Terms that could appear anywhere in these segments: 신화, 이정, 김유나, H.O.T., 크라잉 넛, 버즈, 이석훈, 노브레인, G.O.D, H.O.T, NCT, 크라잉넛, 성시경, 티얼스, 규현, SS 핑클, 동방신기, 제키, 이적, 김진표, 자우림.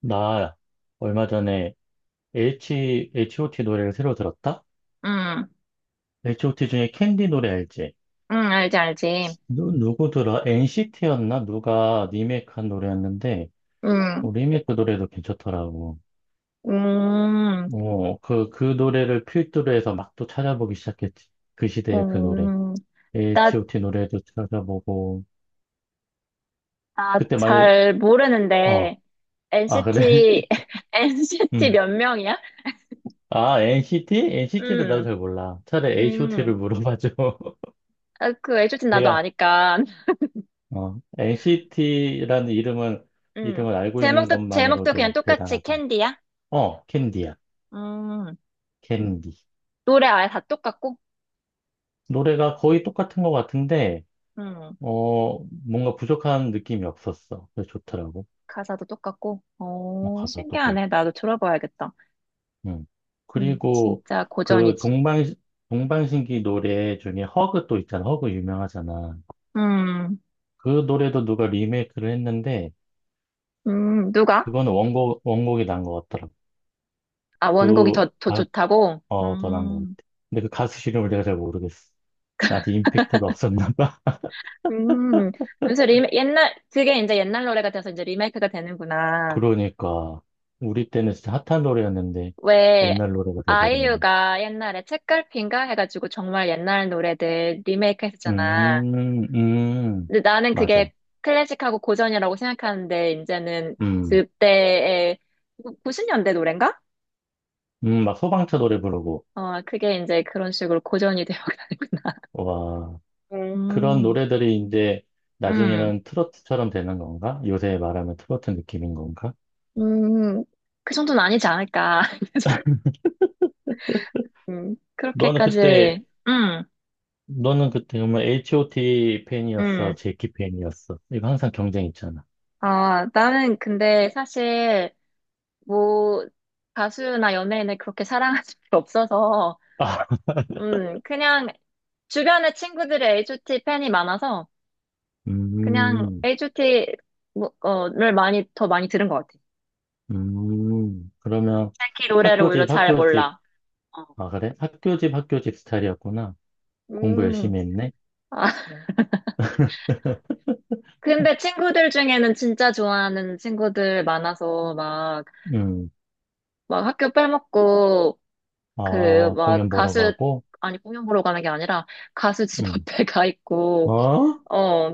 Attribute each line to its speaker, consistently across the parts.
Speaker 1: 나 얼마 전에 H.O.T. 노래를 새로 들었다?
Speaker 2: 응,
Speaker 1: H.O.T. 중에 캔디 노래 알지?
Speaker 2: 응, 알지, 알지.
Speaker 1: 누구 들어? NCT였나? 누가 리메이크한 노래였는데,
Speaker 2: 응,
Speaker 1: 뭐 리메이크 노래도 괜찮더라고.
Speaker 2: 음,
Speaker 1: 그 노래를 필두로 해서 막 또 찾아보기 시작했지. 그 시대의 그 노래.
Speaker 2: 음, 나,
Speaker 1: H.O.T. 노래도 찾아보고,
Speaker 2: 나
Speaker 1: 그때 말,
Speaker 2: 잘
Speaker 1: 어,
Speaker 2: 모르는데,
Speaker 1: 아, 그래?
Speaker 2: NCT, NCT
Speaker 1: 응.
Speaker 2: 몇 명이야?
Speaker 1: 아, NCT? NCT도 나도
Speaker 2: 응,
Speaker 1: 잘 몰라. 차라리
Speaker 2: 응,
Speaker 1: H.O.T.를 물어봐줘.
Speaker 2: 아, 그 애초팀 나도
Speaker 1: 내가
Speaker 2: 아니까.
Speaker 1: NCT라는
Speaker 2: 응,
Speaker 1: 이름을 알고 있는
Speaker 2: 제목도 그냥
Speaker 1: 것만으로도
Speaker 2: 똑같이
Speaker 1: 대단하다.
Speaker 2: 캔디야?
Speaker 1: 어, 캔디야.
Speaker 2: 음,
Speaker 1: 캔디.
Speaker 2: 노래 아예 다 똑같고?
Speaker 1: 노래가 거의 똑같은 것 같은데,
Speaker 2: 음,
Speaker 1: 어, 뭔가 부족한 느낌이 없었어. 그래서 좋더라고.
Speaker 2: 가사도 똑같고?
Speaker 1: 어,
Speaker 2: 오,
Speaker 1: 가사도 그렇고.
Speaker 2: 신기하네. 나도 들어봐야겠다.
Speaker 1: 음. 그리고
Speaker 2: 진짜
Speaker 1: 그
Speaker 2: 고전이지.
Speaker 1: 동방, 동방신기 노래 중에 허그 또 있잖아. 허그 유명하잖아.
Speaker 2: 음,
Speaker 1: 그 노래도 누가 리메이크를 했는데,
Speaker 2: 누가?
Speaker 1: 그거는 원곡이 난 것 같더라고.
Speaker 2: 아, 원곡이
Speaker 1: 그,
Speaker 2: 더
Speaker 1: 아,
Speaker 2: 좋다고?
Speaker 1: 어, 더 난 것 같아. 근데 그 가수 이름을 내가 잘 모르겠어. 나한테 임팩트가 없었나 봐.
Speaker 2: 음. 그래서 옛날, 그게 이제 옛날 노래가 돼서 이제 리메이크가 되는구나.
Speaker 1: 그러니까 우리 때는 진짜 핫한 노래였는데
Speaker 2: 왜,
Speaker 1: 옛날 노래가 돼버렸네.
Speaker 2: 아이유가 옛날에 책갈피인가 해가지고 정말 옛날 노래들 리메이크 했었잖아.
Speaker 1: 음, 음,
Speaker 2: 근데 나는
Speaker 1: 맞아.
Speaker 2: 그게 클래식하고 고전이라고 생각하는데, 이제는
Speaker 1: 음,
Speaker 2: 그때의 90년대 노래인가?
Speaker 1: 막 소방차 노래 부르고.
Speaker 2: 어, 그게 이제 그런 식으로 고전이 되어가는구나.
Speaker 1: 와, 그런
Speaker 2: 음,
Speaker 1: 노래들이 이제
Speaker 2: 음,
Speaker 1: 나중에는 트로트처럼 되는 건가? 요새 말하면 트로트 느낌인 건가?
Speaker 2: 음, 그 정도는 아니지 않을까.
Speaker 1: 너는 그때
Speaker 2: 그렇게까지,
Speaker 1: 너는 그때 정말 H.O.T 팬이었어,
Speaker 2: 음.
Speaker 1: 제키 팬이었어? 이거 항상 경쟁 있잖아.
Speaker 2: 아, 나는 근데 사실, 뭐, 가수나 연예인을 그렇게 사랑할 수 없어서,
Speaker 1: 아,
Speaker 2: 그냥, 주변에 친구들이 H.O.T 팬이 많아서, 그냥
Speaker 1: 음,
Speaker 2: H.O.T, 뭐, 를 많이, 더 많이 들은 것 같아.
Speaker 1: 그러면
Speaker 2: 특히 노래를
Speaker 1: 학교
Speaker 2: 오히려
Speaker 1: 집
Speaker 2: 잘
Speaker 1: 학교 집.
Speaker 2: 몰라. 어.
Speaker 1: 아, 그래? 학교 집, 학교 집 스타일이었구나. 공부
Speaker 2: 음,
Speaker 1: 열심히 했네.
Speaker 2: 아, 근데 친구들 중에는 진짜 좋아하는 친구들 많아서, 막,
Speaker 1: 음,
Speaker 2: 막 학교 빼먹고, 그,
Speaker 1: 아,
Speaker 2: 막,
Speaker 1: 공연 보러 가고,
Speaker 2: 아니, 공연 보러 가는 게 아니라, 가수 집
Speaker 1: 음,
Speaker 2: 앞에 가 있고,
Speaker 1: 어?
Speaker 2: 어,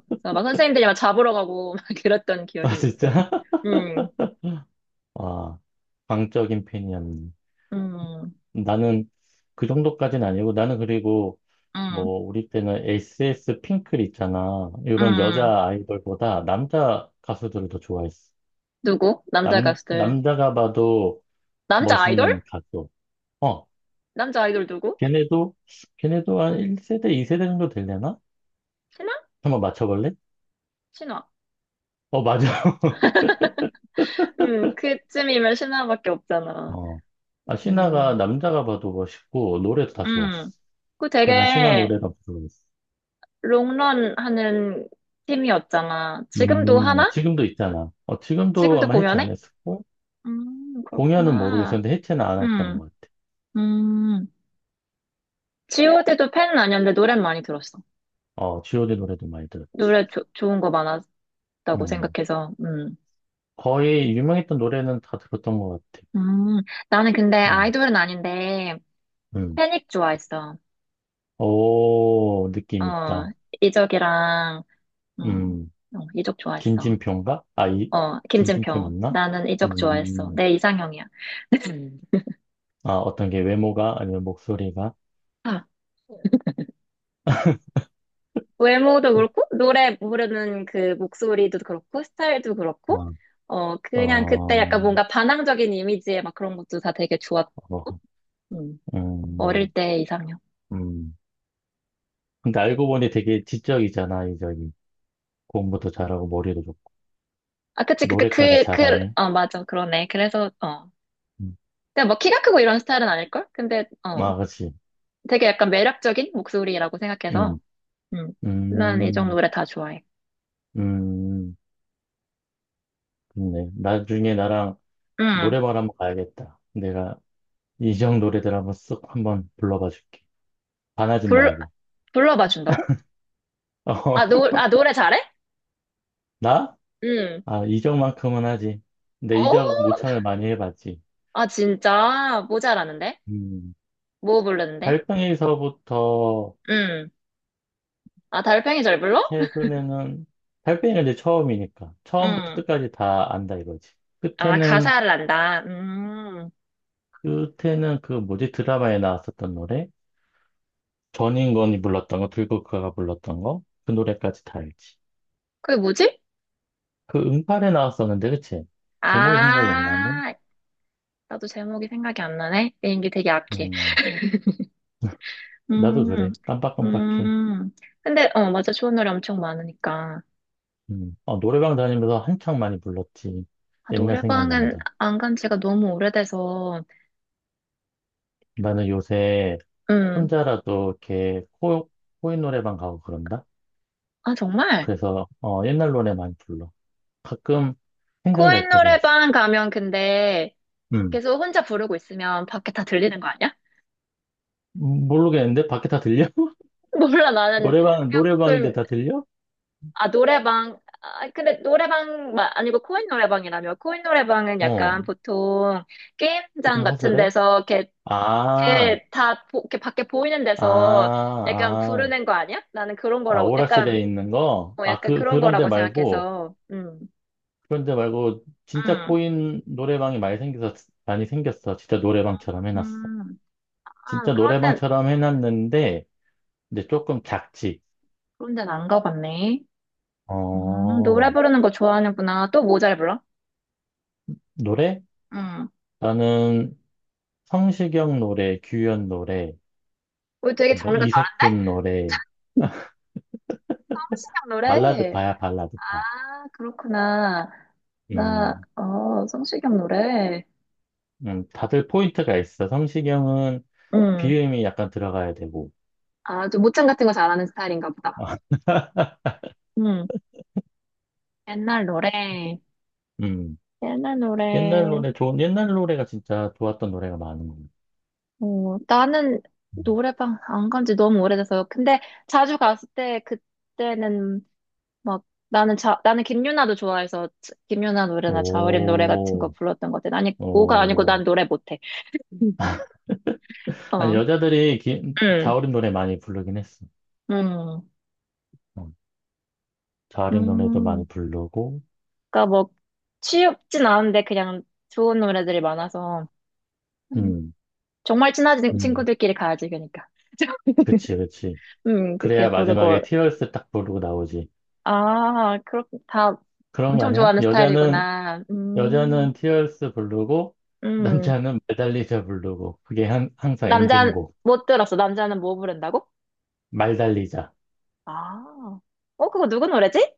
Speaker 2: 그래서 막 선생님들이 막 잡으러 가고, 막 그랬던
Speaker 1: 아,
Speaker 2: 기억이 있어.
Speaker 1: 진짜?
Speaker 2: 음,
Speaker 1: 아, 광적인 팬이었네.
Speaker 2: 음,
Speaker 1: 나는 그 정도까지는 아니고, 나는 그리고,
Speaker 2: 음,
Speaker 1: 뭐, 우리 때는 SS 핑클 있잖아. 이런
Speaker 2: 음.
Speaker 1: 여자 아이돌보다 남자 가수들을 더 좋아했어.
Speaker 2: 누구? 남자 가수들.
Speaker 1: 남자가 봐도
Speaker 2: 남자 아이돌?
Speaker 1: 멋있는 가수. 어,
Speaker 2: 남자 아이돌 누구?
Speaker 1: 걔네도, 걔네도 한 1세대, 2세대 정도 되려나?
Speaker 2: 신화?
Speaker 1: 한번 맞춰볼래?
Speaker 2: 신화.
Speaker 1: 어, 맞아.
Speaker 2: 그쯤이면 신화밖에 없잖아.
Speaker 1: 어. 아, 신화가
Speaker 2: 음,
Speaker 1: 남자가 봐도 멋있고, 노래도 다 좋았어.
Speaker 2: 음. 그
Speaker 1: 그나 신화
Speaker 2: 되게,
Speaker 1: 노래가 부러웠어.
Speaker 2: 롱런 하는 팀이었잖아. 지금도 하나?
Speaker 1: 지금도 있잖아. 어, 지금도
Speaker 2: 지금도
Speaker 1: 아마 해체 안
Speaker 2: 공연해?
Speaker 1: 했었고, 공연은
Speaker 2: 그렇구나.
Speaker 1: 모르겠었는데 해체는 안 했던
Speaker 2: 음.
Speaker 1: 것 같아.
Speaker 2: 음, G.O.D도 팬은 아니었는데 노래는 많이 들었어.
Speaker 1: 어, G.O.D 노래도 많이 들었지.
Speaker 2: 노래 좋은 거 많았다고
Speaker 1: 음.
Speaker 2: 생각해서,
Speaker 1: 거의 유명했던 노래는 다 들었던 것 같아.
Speaker 2: 음, 나는 근데
Speaker 1: 음,
Speaker 2: 아이돌은 아닌데,
Speaker 1: 음.
Speaker 2: 패닉 좋아했어.
Speaker 1: 오, 느낌
Speaker 2: 어,
Speaker 1: 있다.
Speaker 2: 이적이랑, 음,
Speaker 1: 음,
Speaker 2: 어, 이적 좋아했어.
Speaker 1: 김진표인가?
Speaker 2: 어,
Speaker 1: 김진표
Speaker 2: 김진표.
Speaker 1: 맞나?
Speaker 2: 나는 이적 좋아했어.
Speaker 1: 음,
Speaker 2: 내 이상형이야. 음.
Speaker 1: 아, 어떤 게 외모가 아니면 목소리가?
Speaker 2: 아, 외모도 그렇고, 노래 부르는 그 목소리도 그렇고, 스타일도 그렇고,
Speaker 1: 어,
Speaker 2: 어, 그냥 그때
Speaker 1: 어,
Speaker 2: 약간 뭔가 반항적인 이미지의 막 그런 것도 다 되게 좋았고,
Speaker 1: 뭐,
Speaker 2: 음. 어릴
Speaker 1: 음,
Speaker 2: 때이상년
Speaker 1: 음. 근데 알고 보니 되게 지적이잖아, 이 저기. 공부도 잘하고 머리도 좋고
Speaker 2: 아, 그치, 그, 그,
Speaker 1: 노래까지
Speaker 2: 그, 그,
Speaker 1: 잘하네.
Speaker 2: 어, 맞아. 그러네. 그래서, 어.
Speaker 1: 음.
Speaker 2: 근데 뭐 키가 크고 이런 스타일은 아닐걸? 근데, 어,
Speaker 1: 아, 그렇지.
Speaker 2: 되게 약간 매력적인 목소리라고 생각해서,
Speaker 1: 음,
Speaker 2: 음, 난 이정
Speaker 1: 음,
Speaker 2: 노래 다 좋아해.
Speaker 1: 음. 좋네. 나중에 나랑
Speaker 2: 음,
Speaker 1: 노래방 한번 가야겠다. 내가 이정 노래들 한번 쓱 한번 불러봐 줄게. 반하진
Speaker 2: 불,
Speaker 1: 말고.
Speaker 2: 불러봐 준다고? 아,
Speaker 1: 어,
Speaker 2: 아, 노래 잘해?
Speaker 1: 나?
Speaker 2: 음.
Speaker 1: 아, 이정만큼은 하지. 근데
Speaker 2: 어,
Speaker 1: 이정 모창을 많이 해봤지.
Speaker 2: 아, 진짜. 모자라는데?
Speaker 1: 음.
Speaker 2: 뭐 부르는데?
Speaker 1: 달팽이서부터
Speaker 2: 음. 아, 달팽이 잘 불러?
Speaker 1: 최근에는 달팽이가 이제 처음이니까 처음부터
Speaker 2: 음.
Speaker 1: 끝까지 다 안다 이거지.
Speaker 2: 아,
Speaker 1: 끝에는
Speaker 2: 가사를 안다. 음.
Speaker 1: 끝에는 그 뭐지 드라마에 나왔었던 노래, 전인권이 불렀던 거, 들국화가 불렀던 거, 그 노래까지 다 알지.
Speaker 2: 그게 뭐지?
Speaker 1: 그 응팔에 나왔었는데 그치? 제목이 생각이 안 나네.
Speaker 2: 아, 나도 제목이 생각이 안 나네. 내 연기 되게 약해.
Speaker 1: 음, 나도
Speaker 2: 음,
Speaker 1: 그래, 깜빡깜빡해.
Speaker 2: 음. 근데, 어, 맞아. 좋은 노래 엄청 많으니까.
Speaker 1: 음, 어, 노래방 다니면서 한창 많이 불렀지.
Speaker 2: 아,
Speaker 1: 옛날
Speaker 2: 노래방은
Speaker 1: 생각난다.
Speaker 2: 안 간 지가 너무 오래돼서,
Speaker 1: 나는 요새
Speaker 2: 음.
Speaker 1: 혼자라도 이렇게 코 코인 노래방 가고 그런다.
Speaker 2: 아, 정말?
Speaker 1: 그래서 어, 옛날 노래 많이 불러. 가끔 생각날
Speaker 2: 코인
Speaker 1: 때가 있어.
Speaker 2: 노래방 가면 근데
Speaker 1: 음.
Speaker 2: 계속 혼자 부르고 있으면 밖에 다 들리는 거 아니야?
Speaker 1: 모르겠는데? 밖에 다 들려?
Speaker 2: 몰라, 나는.
Speaker 1: 노래방, 노래방인데
Speaker 2: 그럼
Speaker 1: 다 들려?
Speaker 2: 아, 노래방. 아, 근데 노래방 아니고 코인 노래방이라며. 코인 노래방은
Speaker 1: 어,
Speaker 2: 약간 보통 게임장
Speaker 1: 조금
Speaker 2: 같은
Speaker 1: 허술해?
Speaker 2: 데서 이렇게,
Speaker 1: 아,
Speaker 2: 이렇게 다 이렇게 밖에 보이는
Speaker 1: 아,
Speaker 2: 데서 약간
Speaker 1: 아,
Speaker 2: 부르는 거 아니야? 나는 그런
Speaker 1: 아,
Speaker 2: 거라고 약간
Speaker 1: 오락실에 있는 거?
Speaker 2: 어, 약간 그런
Speaker 1: 그런데
Speaker 2: 거라고
Speaker 1: 말고,
Speaker 2: 생각해서. 음.
Speaker 1: 그런데 말고, 진짜
Speaker 2: 음.
Speaker 1: 코인 노래방이 많이 생겨서, 많이 생겼어. 진짜 노래방처럼 해놨어.
Speaker 2: 음. 아,
Speaker 1: 진짜
Speaker 2: 그런 데
Speaker 1: 노래방처럼 해놨는데, 이제 조금 작지.
Speaker 2: 그런 데는 안 가봤네. 노래
Speaker 1: 어,
Speaker 2: 부르는 거 좋아하는구나. 또 뭐 잘 불러?
Speaker 1: 노래?
Speaker 2: 음.
Speaker 1: 나는 성시경 노래, 규현 노래,
Speaker 2: 우리 되게
Speaker 1: 뭐
Speaker 2: 장르가 다른데?
Speaker 1: 이석훈 노래,
Speaker 2: 한신형
Speaker 1: 발라드
Speaker 2: 노래.
Speaker 1: 파야, 발라드 파.
Speaker 2: 아, 그렇구나. 나,
Speaker 1: 음,
Speaker 2: 어, 성시경 노래.
Speaker 1: 다들 포인트가 있어. 성시경은
Speaker 2: 음.
Speaker 1: 비음이 약간 들어가야 되고.
Speaker 2: 아, 좀 모창 같은 거 잘하는 스타일인가 보다. 음. 옛날 노래.
Speaker 1: 음,
Speaker 2: 옛날
Speaker 1: 옛날
Speaker 2: 노래.
Speaker 1: 노래, 좋은, 옛날 노래가 진짜 좋았던 노래가 많은 거 같아.
Speaker 2: 어, 나는 노래방 안 간지 너무 오래돼서. 근데 자주 갔을 때, 그때는 막, 나는 김유나도 좋아해서, 김유나 노래나 자우림 노래 같은 거
Speaker 1: 오,
Speaker 2: 불렀던 것 같아. 아니, 오가 아니고 난
Speaker 1: 오.
Speaker 2: 노래 못해. 음.
Speaker 1: 아니,
Speaker 2: 어, 음,
Speaker 1: 자우림 노래 많이 부르긴 했어.
Speaker 2: 음,
Speaker 1: 어, 자우림 노래도 많이
Speaker 2: 음.
Speaker 1: 부르고,
Speaker 2: 그러니까 뭐 취업진 않은데 그냥 좋은 노래들이 많아서 음,
Speaker 1: 음,
Speaker 2: 정말 친한
Speaker 1: 음,
Speaker 2: 친구들끼리 가야지 그러니까.
Speaker 1: 그치, 그치.
Speaker 2: 그렇게
Speaker 1: 그래야
Speaker 2: 부르고
Speaker 1: 마지막에 티얼스 딱 부르고 나오지.
Speaker 2: 아, 그렇 다
Speaker 1: 그런 거
Speaker 2: 엄청
Speaker 1: 아니야?
Speaker 2: 좋아하는 스타일이구나. 음.
Speaker 1: 여자는 티얼스 부르고
Speaker 2: 음.
Speaker 1: 남자는 말 달리자 부르고 그게 한, 항상
Speaker 2: 남자
Speaker 1: 엔딩곡.
Speaker 2: 못 들었어. 남자는 뭐 부른다고?
Speaker 1: 말 달리자
Speaker 2: 아. 어, 그거 누구 노래지?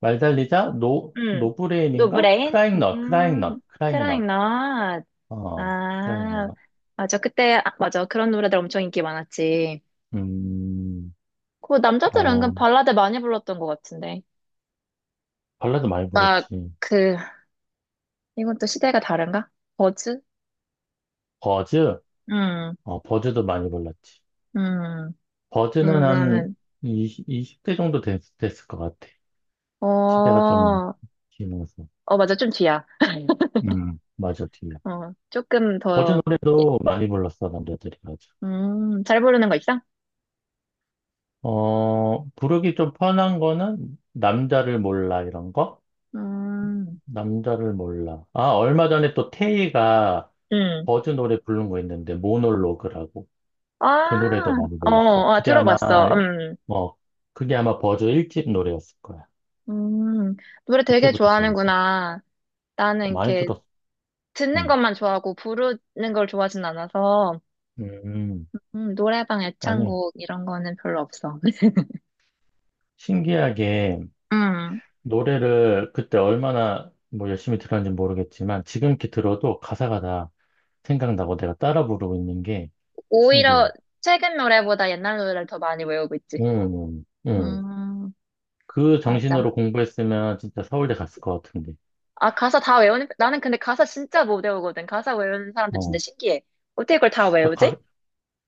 Speaker 1: 말 달리자. 노
Speaker 2: 음.
Speaker 1: 노브레인인가
Speaker 2: 노브레인? 음. 크라잉
Speaker 1: 크라잉넛,
Speaker 2: 넛.
Speaker 1: 어,
Speaker 2: 아.
Speaker 1: 크라잉넛.
Speaker 2: 맞아. 그때 아, 맞아. 그런 노래들 엄청 인기 많았지.
Speaker 1: 음아,
Speaker 2: 그 남자들은 은근 발라드 많이 불렀던 것 같은데.
Speaker 1: 발라드 많이
Speaker 2: 막,
Speaker 1: 불렀지.
Speaker 2: 그, 이건 또 시대가 다른가? 버즈?
Speaker 1: 버즈,
Speaker 2: 음,
Speaker 1: 어, 버즈도 많이 불렀지.
Speaker 2: 음,
Speaker 1: 버즈는 한
Speaker 2: 이거는,
Speaker 1: 20, 2대 정도 됐을 것 같아.
Speaker 2: 어,
Speaker 1: 시대가 좀
Speaker 2: 어,
Speaker 1: 지나서.
Speaker 2: 맞아, 좀 뒤야.
Speaker 1: 음, 맞아, 뒤에.
Speaker 2: 어, 조금
Speaker 1: 버즈
Speaker 2: 더,
Speaker 1: 노래도 많이 불렀어 남자들이, 맞아.
Speaker 2: 잘 부르는 거 있어?
Speaker 1: 어, 부르기 좀 편한 거는 남자를 몰라 이런 거?
Speaker 2: 음,
Speaker 1: 남자를 몰라. 아, 얼마 전에 또 태희가
Speaker 2: 음.
Speaker 1: 버즈 노래 부른 거 있는데 모놀로그라고.
Speaker 2: 아,
Speaker 1: 그 노래도 많이
Speaker 2: 어,
Speaker 1: 불렀어.
Speaker 2: 어, 들어봤어.
Speaker 1: 뭐 그게 아마 버즈 1집 노래였을 거야.
Speaker 2: 음. 노래 되게
Speaker 1: 그때부터 좋았어.
Speaker 2: 좋아하는구나. 나는
Speaker 1: 어, 많이
Speaker 2: 이렇게
Speaker 1: 들었어.
Speaker 2: 듣는
Speaker 1: 음.
Speaker 2: 것만 좋아하고 부르는 걸 좋아하진 않아서,
Speaker 1: 음.
Speaker 2: 노래방
Speaker 1: 아니,
Speaker 2: 애창곡 이런 거는 별로 없어.
Speaker 1: 신기하게
Speaker 2: 음,
Speaker 1: 노래를 그때 얼마나 뭐 열심히 들었는지 모르겠지만 지금 이렇게 들어도 가사가 다 생각나고 내가 따라 부르고 있는 게
Speaker 2: 오히려
Speaker 1: 신기해.
Speaker 2: 최근 노래보다 옛날 노래를 더 많이 외우고
Speaker 1: 응,
Speaker 2: 있지.
Speaker 1: 응. 응.
Speaker 2: 음,
Speaker 1: 그 정신으로
Speaker 2: 맞아.
Speaker 1: 공부했으면 진짜 서울대 갔을 것 같은데.
Speaker 2: 아, 가사 다 외우는, 나는 근데 가사 진짜 못 외우거든. 가사 외우는 사람들 진짜
Speaker 1: 어.
Speaker 2: 신기해. 어떻게 그걸 다
Speaker 1: 그
Speaker 2: 외우지?
Speaker 1: 가,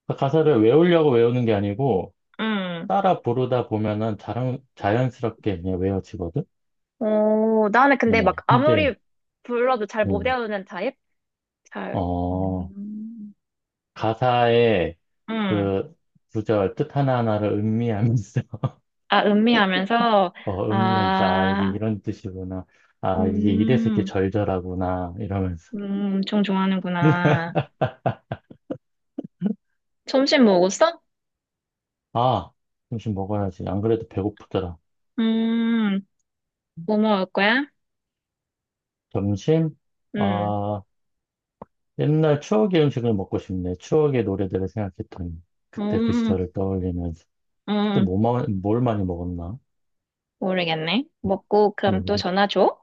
Speaker 1: 그 가사를 외우려고 외우는 게 아니고
Speaker 2: 음.
Speaker 1: 따라 부르다 보면은 자연스럽게 그냥 외워지거든?
Speaker 2: 오, 나는 근데
Speaker 1: 어.
Speaker 2: 막
Speaker 1: 근데,
Speaker 2: 아무리 불러도 잘 못
Speaker 1: 응.
Speaker 2: 외우는 타입? 잘,
Speaker 1: 어,
Speaker 2: 음,
Speaker 1: 가사의
Speaker 2: 음.
Speaker 1: 그 구절 뜻 하나하나를 음미하면서,
Speaker 2: 아, 음미하면서,
Speaker 1: 어, 음미하면서, 아, 이게
Speaker 2: 아,
Speaker 1: 이런 뜻이구나. 아, 이게 이래서 이렇게
Speaker 2: 음,
Speaker 1: 절절하구나. 이러면서.
Speaker 2: 엄청 좋아하는구나. 점심 먹었어?
Speaker 1: 아, 점심 먹어야지. 안 그래도 배고프더라.
Speaker 2: 음, 뭐 먹을 거야?
Speaker 1: 점심?
Speaker 2: 음.
Speaker 1: 아, 옛날 추억의 음식을 먹고 싶네. 추억의 노래들을 생각했더니. 그때 그
Speaker 2: 음,
Speaker 1: 시절을 떠올리면서.
Speaker 2: 음,
Speaker 1: 그때
Speaker 2: 음.
Speaker 1: 뭐, 뭘 많이 먹었나?
Speaker 2: 모르겠네. 먹고 그럼 또
Speaker 1: 모르겠
Speaker 2: 전화 줘?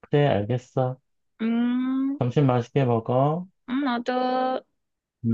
Speaker 1: 그래, 알겠어.
Speaker 2: 음,
Speaker 1: 점심 맛있게 먹어.
Speaker 2: 나도